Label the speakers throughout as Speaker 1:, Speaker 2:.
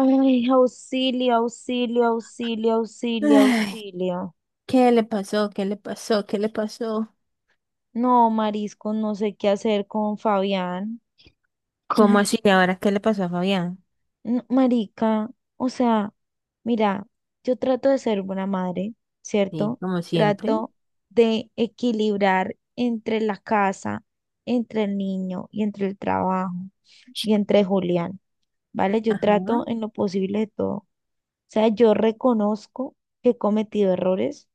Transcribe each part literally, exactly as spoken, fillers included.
Speaker 1: Ay, auxilio, auxilio, auxilio, auxilio,
Speaker 2: Ay,
Speaker 1: auxilio.
Speaker 2: ¿qué le pasó? ¿Qué le pasó? ¿Qué le pasó?
Speaker 1: No, marisco, no sé qué hacer con Fabián.
Speaker 2: ¿Cómo
Speaker 1: Ay,
Speaker 2: así? ¿Y ahora qué le pasó a Fabián?
Speaker 1: no, marica, o sea, mira, yo trato de ser buena madre,
Speaker 2: Sí,
Speaker 1: ¿cierto?
Speaker 2: como siempre.
Speaker 1: Trato de equilibrar entre la casa, entre el niño y entre el trabajo y entre Julián. ¿Vale? Yo trato
Speaker 2: Ajá.
Speaker 1: en lo posible de todo. O sea, yo reconozco que he cometido errores,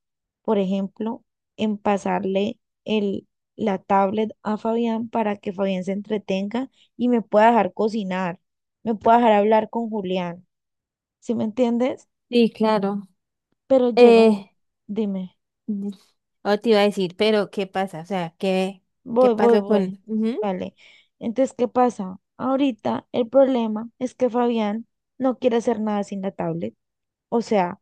Speaker 1: por ejemplo, en pasarle el, la tablet a Fabián para que Fabián se entretenga y me pueda dejar cocinar, me pueda dejar hablar con Julián, ¿sí me entiendes?
Speaker 2: Sí, claro.
Speaker 1: Pero llega un,
Speaker 2: Eh,
Speaker 1: dime,
Speaker 2: mm, o te iba a decir, pero ¿qué pasa? O sea, ¿qué, qué
Speaker 1: voy, voy,
Speaker 2: pasó
Speaker 1: voy,
Speaker 2: con...? Ujú.
Speaker 1: ¿vale? Entonces, ¿qué pasa? Ahorita el problema es que Fabián no quiere hacer nada sin la tablet. O sea,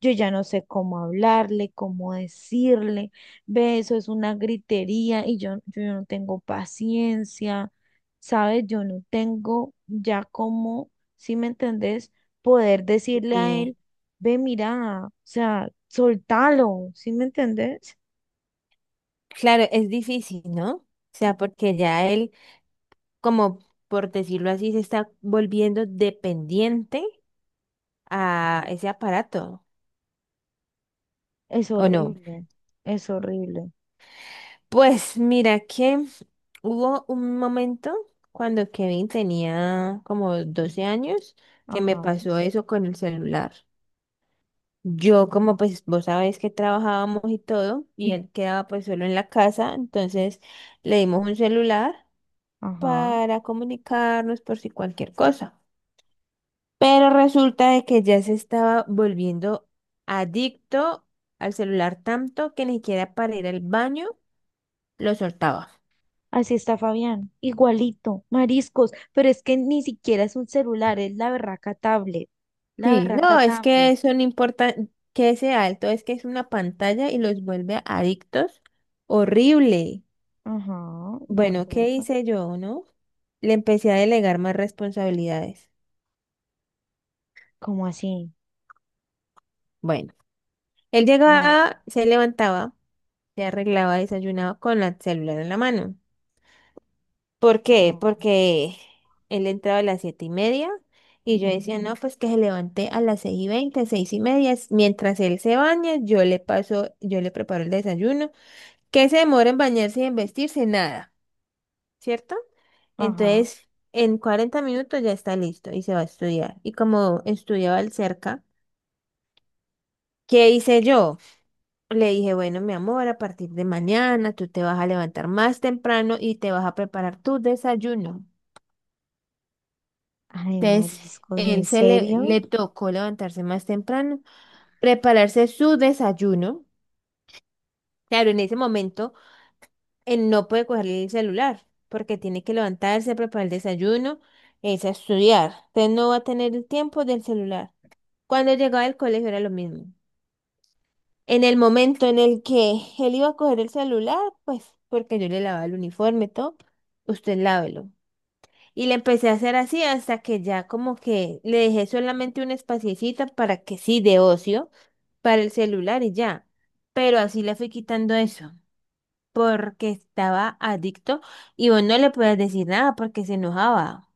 Speaker 1: yo ya no sé cómo hablarle, cómo decirle, ve, eso es una gritería y yo, yo no tengo paciencia, ¿sabes? Yo no tengo ya cómo, si me entendés, poder decirle a él,
Speaker 2: Y
Speaker 1: ve, mira, o sea, soltalo, ¿sí me entendés?
Speaker 2: claro, es difícil, ¿no? O sea, porque ya él, como por decirlo así, se está volviendo dependiente a ese aparato,
Speaker 1: Es
Speaker 2: ¿o no?
Speaker 1: horrible, es horrible.
Speaker 2: Pues mira que hubo un momento cuando Kevin tenía como doce años que me
Speaker 1: Ajá,
Speaker 2: pasó eso con el celular. Yo como pues vos sabés que trabajábamos y todo y él quedaba pues solo en la casa, entonces le dimos un celular
Speaker 1: ajá.
Speaker 2: para comunicarnos por si cualquier cosa. Pero resulta de que ya se estaba volviendo adicto al celular tanto que ni siquiera para ir al baño lo soltaba.
Speaker 1: Así está Fabián, igualito, mariscos, pero es que ni siquiera es un celular, es la berraca tablet, la
Speaker 2: Sí,
Speaker 1: berraca
Speaker 2: no, es
Speaker 1: tablet.
Speaker 2: que son importantes, que ese alto es que es una pantalla y los vuelve adictos. Horrible.
Speaker 1: Ajá, de
Speaker 2: Bueno, ¿qué
Speaker 1: acuerdo.
Speaker 2: hice yo, no? Le empecé a delegar más responsabilidades.
Speaker 1: ¿Cómo así?
Speaker 2: Bueno, él
Speaker 1: A ver.
Speaker 2: llegaba, se levantaba, se arreglaba, desayunaba con la celular en la mano. ¿Por qué?
Speaker 1: Ajá.
Speaker 2: Porque él entraba a las siete y media y yo decía, no, pues que se levante a las seis y veinte, seis y media. Mientras él se baña, yo le paso, yo le preparo el desayuno que se demora en bañarse y en vestirse. Nada, ¿cierto?
Speaker 1: Ajá.
Speaker 2: Entonces, en cuarenta minutos ya está listo y se va a estudiar. Y como estudiaba él cerca, ¿qué hice yo? Le dije, bueno, mi amor, a partir de mañana tú te vas a levantar más temprano y te vas a preparar tu desayuno.
Speaker 1: Ay,
Speaker 2: Entonces,
Speaker 1: mariscos, ¿en
Speaker 2: él se le,
Speaker 1: serio?
Speaker 2: le tocó levantarse más temprano, prepararse su desayuno. Claro, en ese momento él no puede coger el celular porque tiene que levantarse, preparar el desayuno, es a estudiar. Entonces no va a tener el tiempo del celular. Cuando llegaba al colegio era lo mismo. En el momento en el que él iba a coger el celular, pues porque yo le lavaba el uniforme, todo, usted lávelo. Y le empecé a hacer así hasta que ya como que le dejé solamente un espaciecito para que sí, de ocio, para el celular y ya. Pero así le fui quitando eso porque estaba adicto y vos no le podías decir nada porque se enojaba.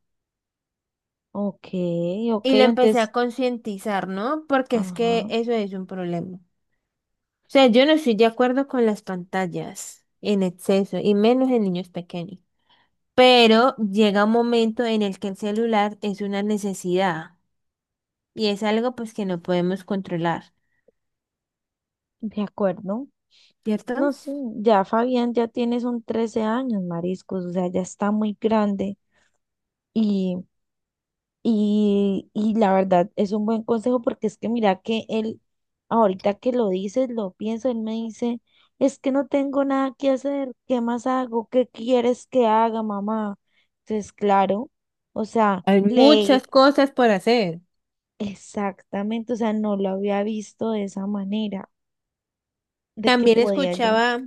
Speaker 1: Ok, ok,
Speaker 2: Y lo empecé
Speaker 1: entonces,
Speaker 2: a concientizar, ¿no? Porque es que
Speaker 1: ajá,
Speaker 2: eso es un problema. O sea, yo no estoy de acuerdo con las pantallas en exceso y menos en niños pequeños. Pero llega un momento en el que el celular es una necesidad y es algo pues que no podemos controlar,
Speaker 1: de acuerdo.
Speaker 2: ¿cierto?
Speaker 1: No, sé ya Fabián, ya tiene son trece años, mariscos, o sea, ya está muy grande. Y, y la verdad es un buen consejo porque es que mira que él, ahorita que lo dices, lo pienso, él me dice, es que no tengo nada que hacer, ¿qué más hago? ¿Qué quieres que haga, mamá? Entonces, claro, o sea,
Speaker 2: Hay
Speaker 1: le,
Speaker 2: muchas cosas por hacer.
Speaker 1: exactamente, o sea, no lo había visto de esa manera, de que
Speaker 2: También
Speaker 1: podía yo.
Speaker 2: escuchaba,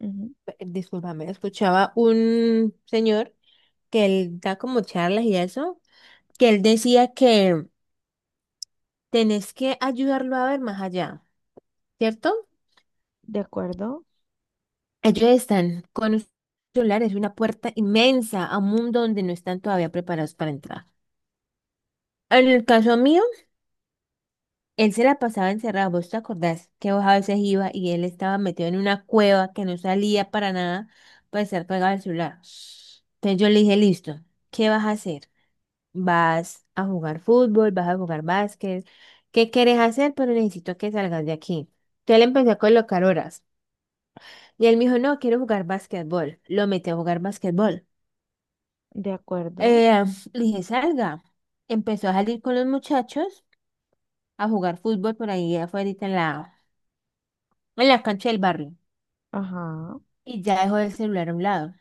Speaker 1: Ujú,
Speaker 2: discúlpame, escuchaba un señor que él da como charlas y eso, que él decía que tenés que ayudarlo a ver más allá, ¿cierto?
Speaker 1: de acuerdo,
Speaker 2: Ellos están con un celular, es una puerta inmensa a un mundo donde no están todavía preparados para entrar. En el caso mío, él se la pasaba encerrado. ¿Vos te acordás que vos a veces iba y él estaba metido en una cueva que no salía para nada para estar pegado al celular? Entonces yo le dije, listo, ¿qué vas a hacer? Vas a jugar fútbol, vas a jugar básquet, ¿qué quieres hacer? Pero necesito que salgas de aquí. Entonces le empecé a colocar horas. Y él me dijo, no, quiero jugar básquetbol. Lo metí a jugar básquetbol.
Speaker 1: de acuerdo,
Speaker 2: Eh, le dije, salga. Empezó a salir con los muchachos a jugar fútbol por ahí afuera en la, en la cancha del barrio.
Speaker 1: ajá,
Speaker 2: Y ya dejó el celular a un lado.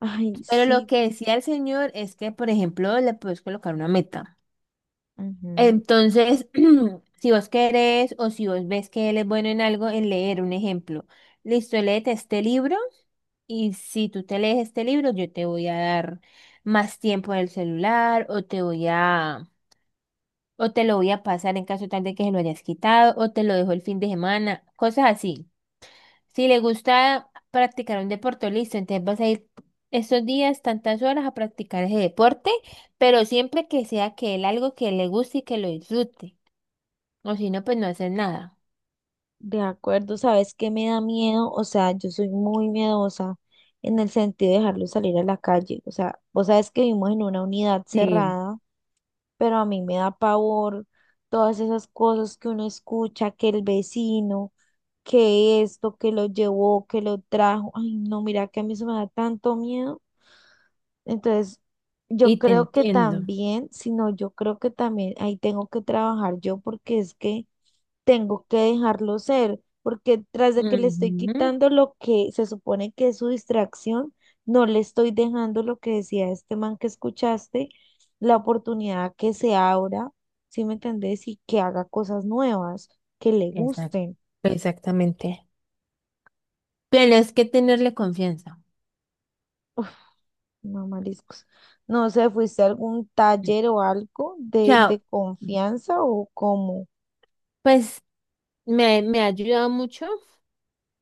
Speaker 1: ay,
Speaker 2: Pero lo
Speaker 1: sí,
Speaker 2: que decía el señor es que, por ejemplo, le puedes colocar una meta.
Speaker 1: ujú.
Speaker 2: Entonces, si vos querés o si vos ves que él es bueno en algo, en leer un ejemplo. Listo, léete este libro y si tú te lees este libro, yo te voy a dar más tiempo en el celular o te voy a, o te lo voy a pasar en caso tal de que se lo hayas quitado o te lo dejo el fin de semana, cosas así. Si le gusta practicar un deporte, listo, entonces vas a ir estos días, tantas horas a practicar ese deporte, pero siempre que sea que él algo que le guste y que lo disfrute. O si no, pues no haces nada.
Speaker 1: De acuerdo, ¿sabes qué me da miedo? O sea, yo soy muy miedosa en el sentido de dejarlo salir a la calle. O sea, vos sabes que vivimos en una unidad
Speaker 2: Sí,
Speaker 1: cerrada, pero a mí me da pavor todas esas cosas que uno escucha, que el vecino, que esto, que lo llevó, que lo trajo. Ay, no, mira que a mí eso me da tanto miedo. Entonces, yo
Speaker 2: y te
Speaker 1: creo que
Speaker 2: entiendo.
Speaker 1: también, sino yo creo que también ahí tengo que trabajar yo porque es que tengo que dejarlo ser, porque tras de que le estoy
Speaker 2: Ujú.
Speaker 1: quitando lo que se supone que es su distracción, no le estoy dejando lo que decía este man que escuchaste, la oportunidad que se abra, ¿sí me entendés? Y que haga cosas nuevas, que le
Speaker 2: Exacto.
Speaker 1: gusten.
Speaker 2: Exactamente. Pero es que tenerle confianza.
Speaker 1: No, mariscos. No sé, ¿fuiste a algún
Speaker 2: O
Speaker 1: taller o algo de,
Speaker 2: sea,
Speaker 1: de confianza o cómo?
Speaker 2: pues me, me ha ayudado mucho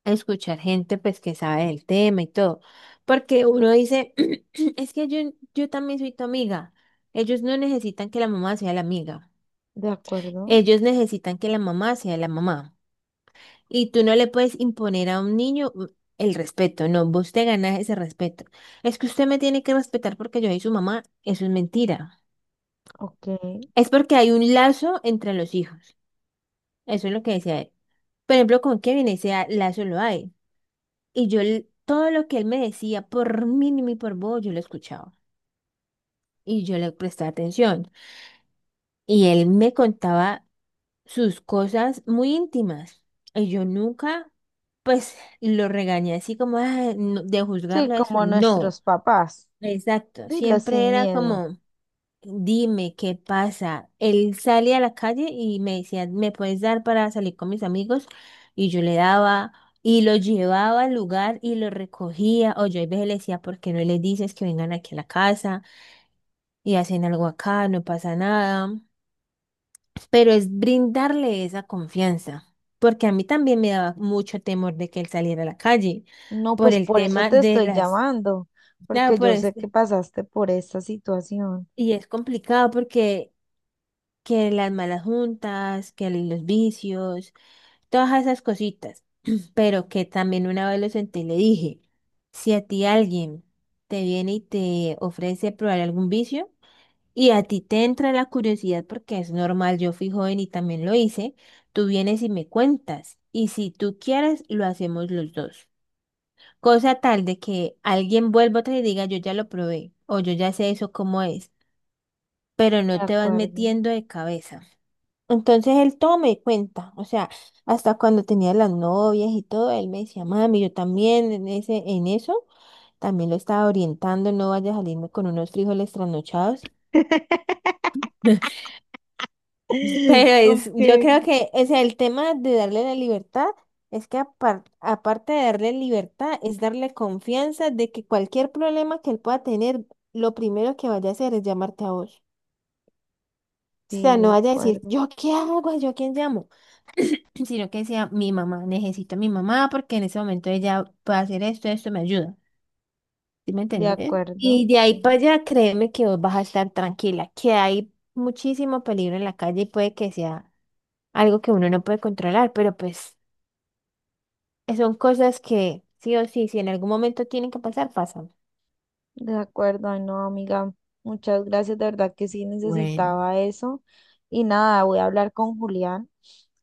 Speaker 2: a escuchar gente pues que sabe del tema y todo. Porque uno dice, es que yo, yo también soy tu amiga. Ellos no necesitan que la mamá sea la amiga.
Speaker 1: ¿De acuerdo?
Speaker 2: Ellos necesitan que la mamá sea la mamá. Y tú no le puedes imponer a un niño mm, el respeto, no, vos te ganas ese respeto. Es que usted me tiene que respetar porque yo soy su mamá, eso es mentira.
Speaker 1: Ok.
Speaker 2: Es porque hay un lazo entre los hijos, eso es lo que decía él. Por ejemplo, con Kevin ese a- lazo lo hay. Y yo l- todo lo que él me decía, por mínimo y por vos, yo lo escuchaba. Y yo le prestaba atención. Y él me contaba sus cosas muy íntimas. Y yo nunca, pues, lo regañé así como "Ay, no", de
Speaker 1: Sí,
Speaker 2: juzgarla eso.
Speaker 1: como nuestros
Speaker 2: No,
Speaker 1: papás.
Speaker 2: exacto.
Speaker 1: Dilo
Speaker 2: Siempre
Speaker 1: sin
Speaker 2: era
Speaker 1: miedo.
Speaker 2: como, dime qué pasa. Él salía a la calle y me decía, ¿me puedes dar para salir con mis amigos? Y yo le daba. Y lo llevaba al lugar y lo recogía. O yo a veces le decía, ¿por qué no les dices que vengan aquí a la casa y hacen algo acá? No pasa nada, pero es brindarle esa confianza, porque a mí también me daba mucho temor de que él saliera a la calle
Speaker 1: No,
Speaker 2: por
Speaker 1: pues
Speaker 2: el
Speaker 1: por eso
Speaker 2: tema
Speaker 1: te
Speaker 2: de
Speaker 1: estoy
Speaker 2: las,
Speaker 1: llamando,
Speaker 2: claro,
Speaker 1: porque
Speaker 2: por
Speaker 1: yo sé que
Speaker 2: este,
Speaker 1: pasaste por esta situación.
Speaker 2: y es complicado porque que las malas juntas, que los vicios, todas esas cositas, pero que también una vez lo senté y le dije, si a ti alguien te viene y te ofrece probar algún vicio, y a ti te entra la curiosidad porque es normal, yo fui joven y también lo hice, tú vienes y me cuentas. Y si tú quieres, lo hacemos los dos. Cosa tal de que alguien vuelva otra y diga, yo ya lo probé o yo ya sé eso cómo es, pero
Speaker 1: De
Speaker 2: no te vas
Speaker 1: acuerdo.
Speaker 2: metiendo de cabeza. Entonces él todo me cuenta, o sea, hasta cuando tenía las novias y todo, él me decía, mami, yo también en ese, en eso, también lo estaba orientando, no vaya a salirme con unos frijoles trasnochados. Pero es,
Speaker 1: Ok,
Speaker 2: yo creo que, o sea, el tema de darle la libertad es que apar- aparte de darle libertad, es darle confianza de que cualquier problema que él pueda tener, lo primero que vaya a hacer es llamarte a vos. O
Speaker 1: sí,
Speaker 2: sea,
Speaker 1: de
Speaker 2: no vaya a decir,
Speaker 1: acuerdo.
Speaker 2: ¿yo qué hago? ¿Yo quién llamo? Sino que sea mi mamá, necesito a mi mamá porque en ese momento ella puede hacer esto, esto me ayuda. ¿Sí me
Speaker 1: De
Speaker 2: entendés?
Speaker 1: acuerdo,
Speaker 2: Y de ahí
Speaker 1: sí.
Speaker 2: para allá, créeme que vos vas a estar tranquila, que hay muchísimo peligro en la calle y puede que sea algo que uno no puede controlar, pero pues Eh, son cosas que sí o sí, si en algún momento tienen que pasar, pasan.
Speaker 1: De acuerdo, ay no, amiga, muchas gracias, de verdad que sí
Speaker 2: Bueno,
Speaker 1: necesitaba eso. Y nada, voy a hablar con Julián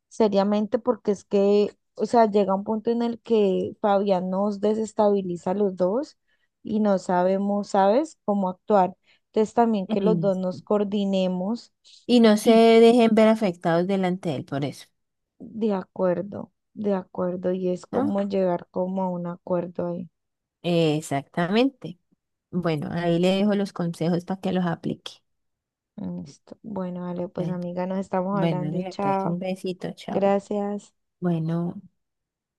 Speaker 1: seriamente porque es que, o sea, llega un punto en el que Fabián nos desestabiliza a los dos y no sabemos, ¿sabes?, cómo actuar. Entonces también que los dos nos
Speaker 2: eh,
Speaker 1: coordinemos
Speaker 2: y no se
Speaker 1: y
Speaker 2: dejen ver afectados delante de él por eso,
Speaker 1: de acuerdo, de acuerdo, y es
Speaker 2: ¿no?
Speaker 1: como llegar como a un acuerdo ahí.
Speaker 2: Exactamente. Bueno, ahí le dejo los consejos para que los aplique.
Speaker 1: Listo. Bueno, vale, pues
Speaker 2: Bueno,
Speaker 1: amiga, nos estamos
Speaker 2: bueno,
Speaker 1: hablando,
Speaker 2: le pues un
Speaker 1: chao,
Speaker 2: besito, chao.
Speaker 1: gracias.
Speaker 2: Bueno.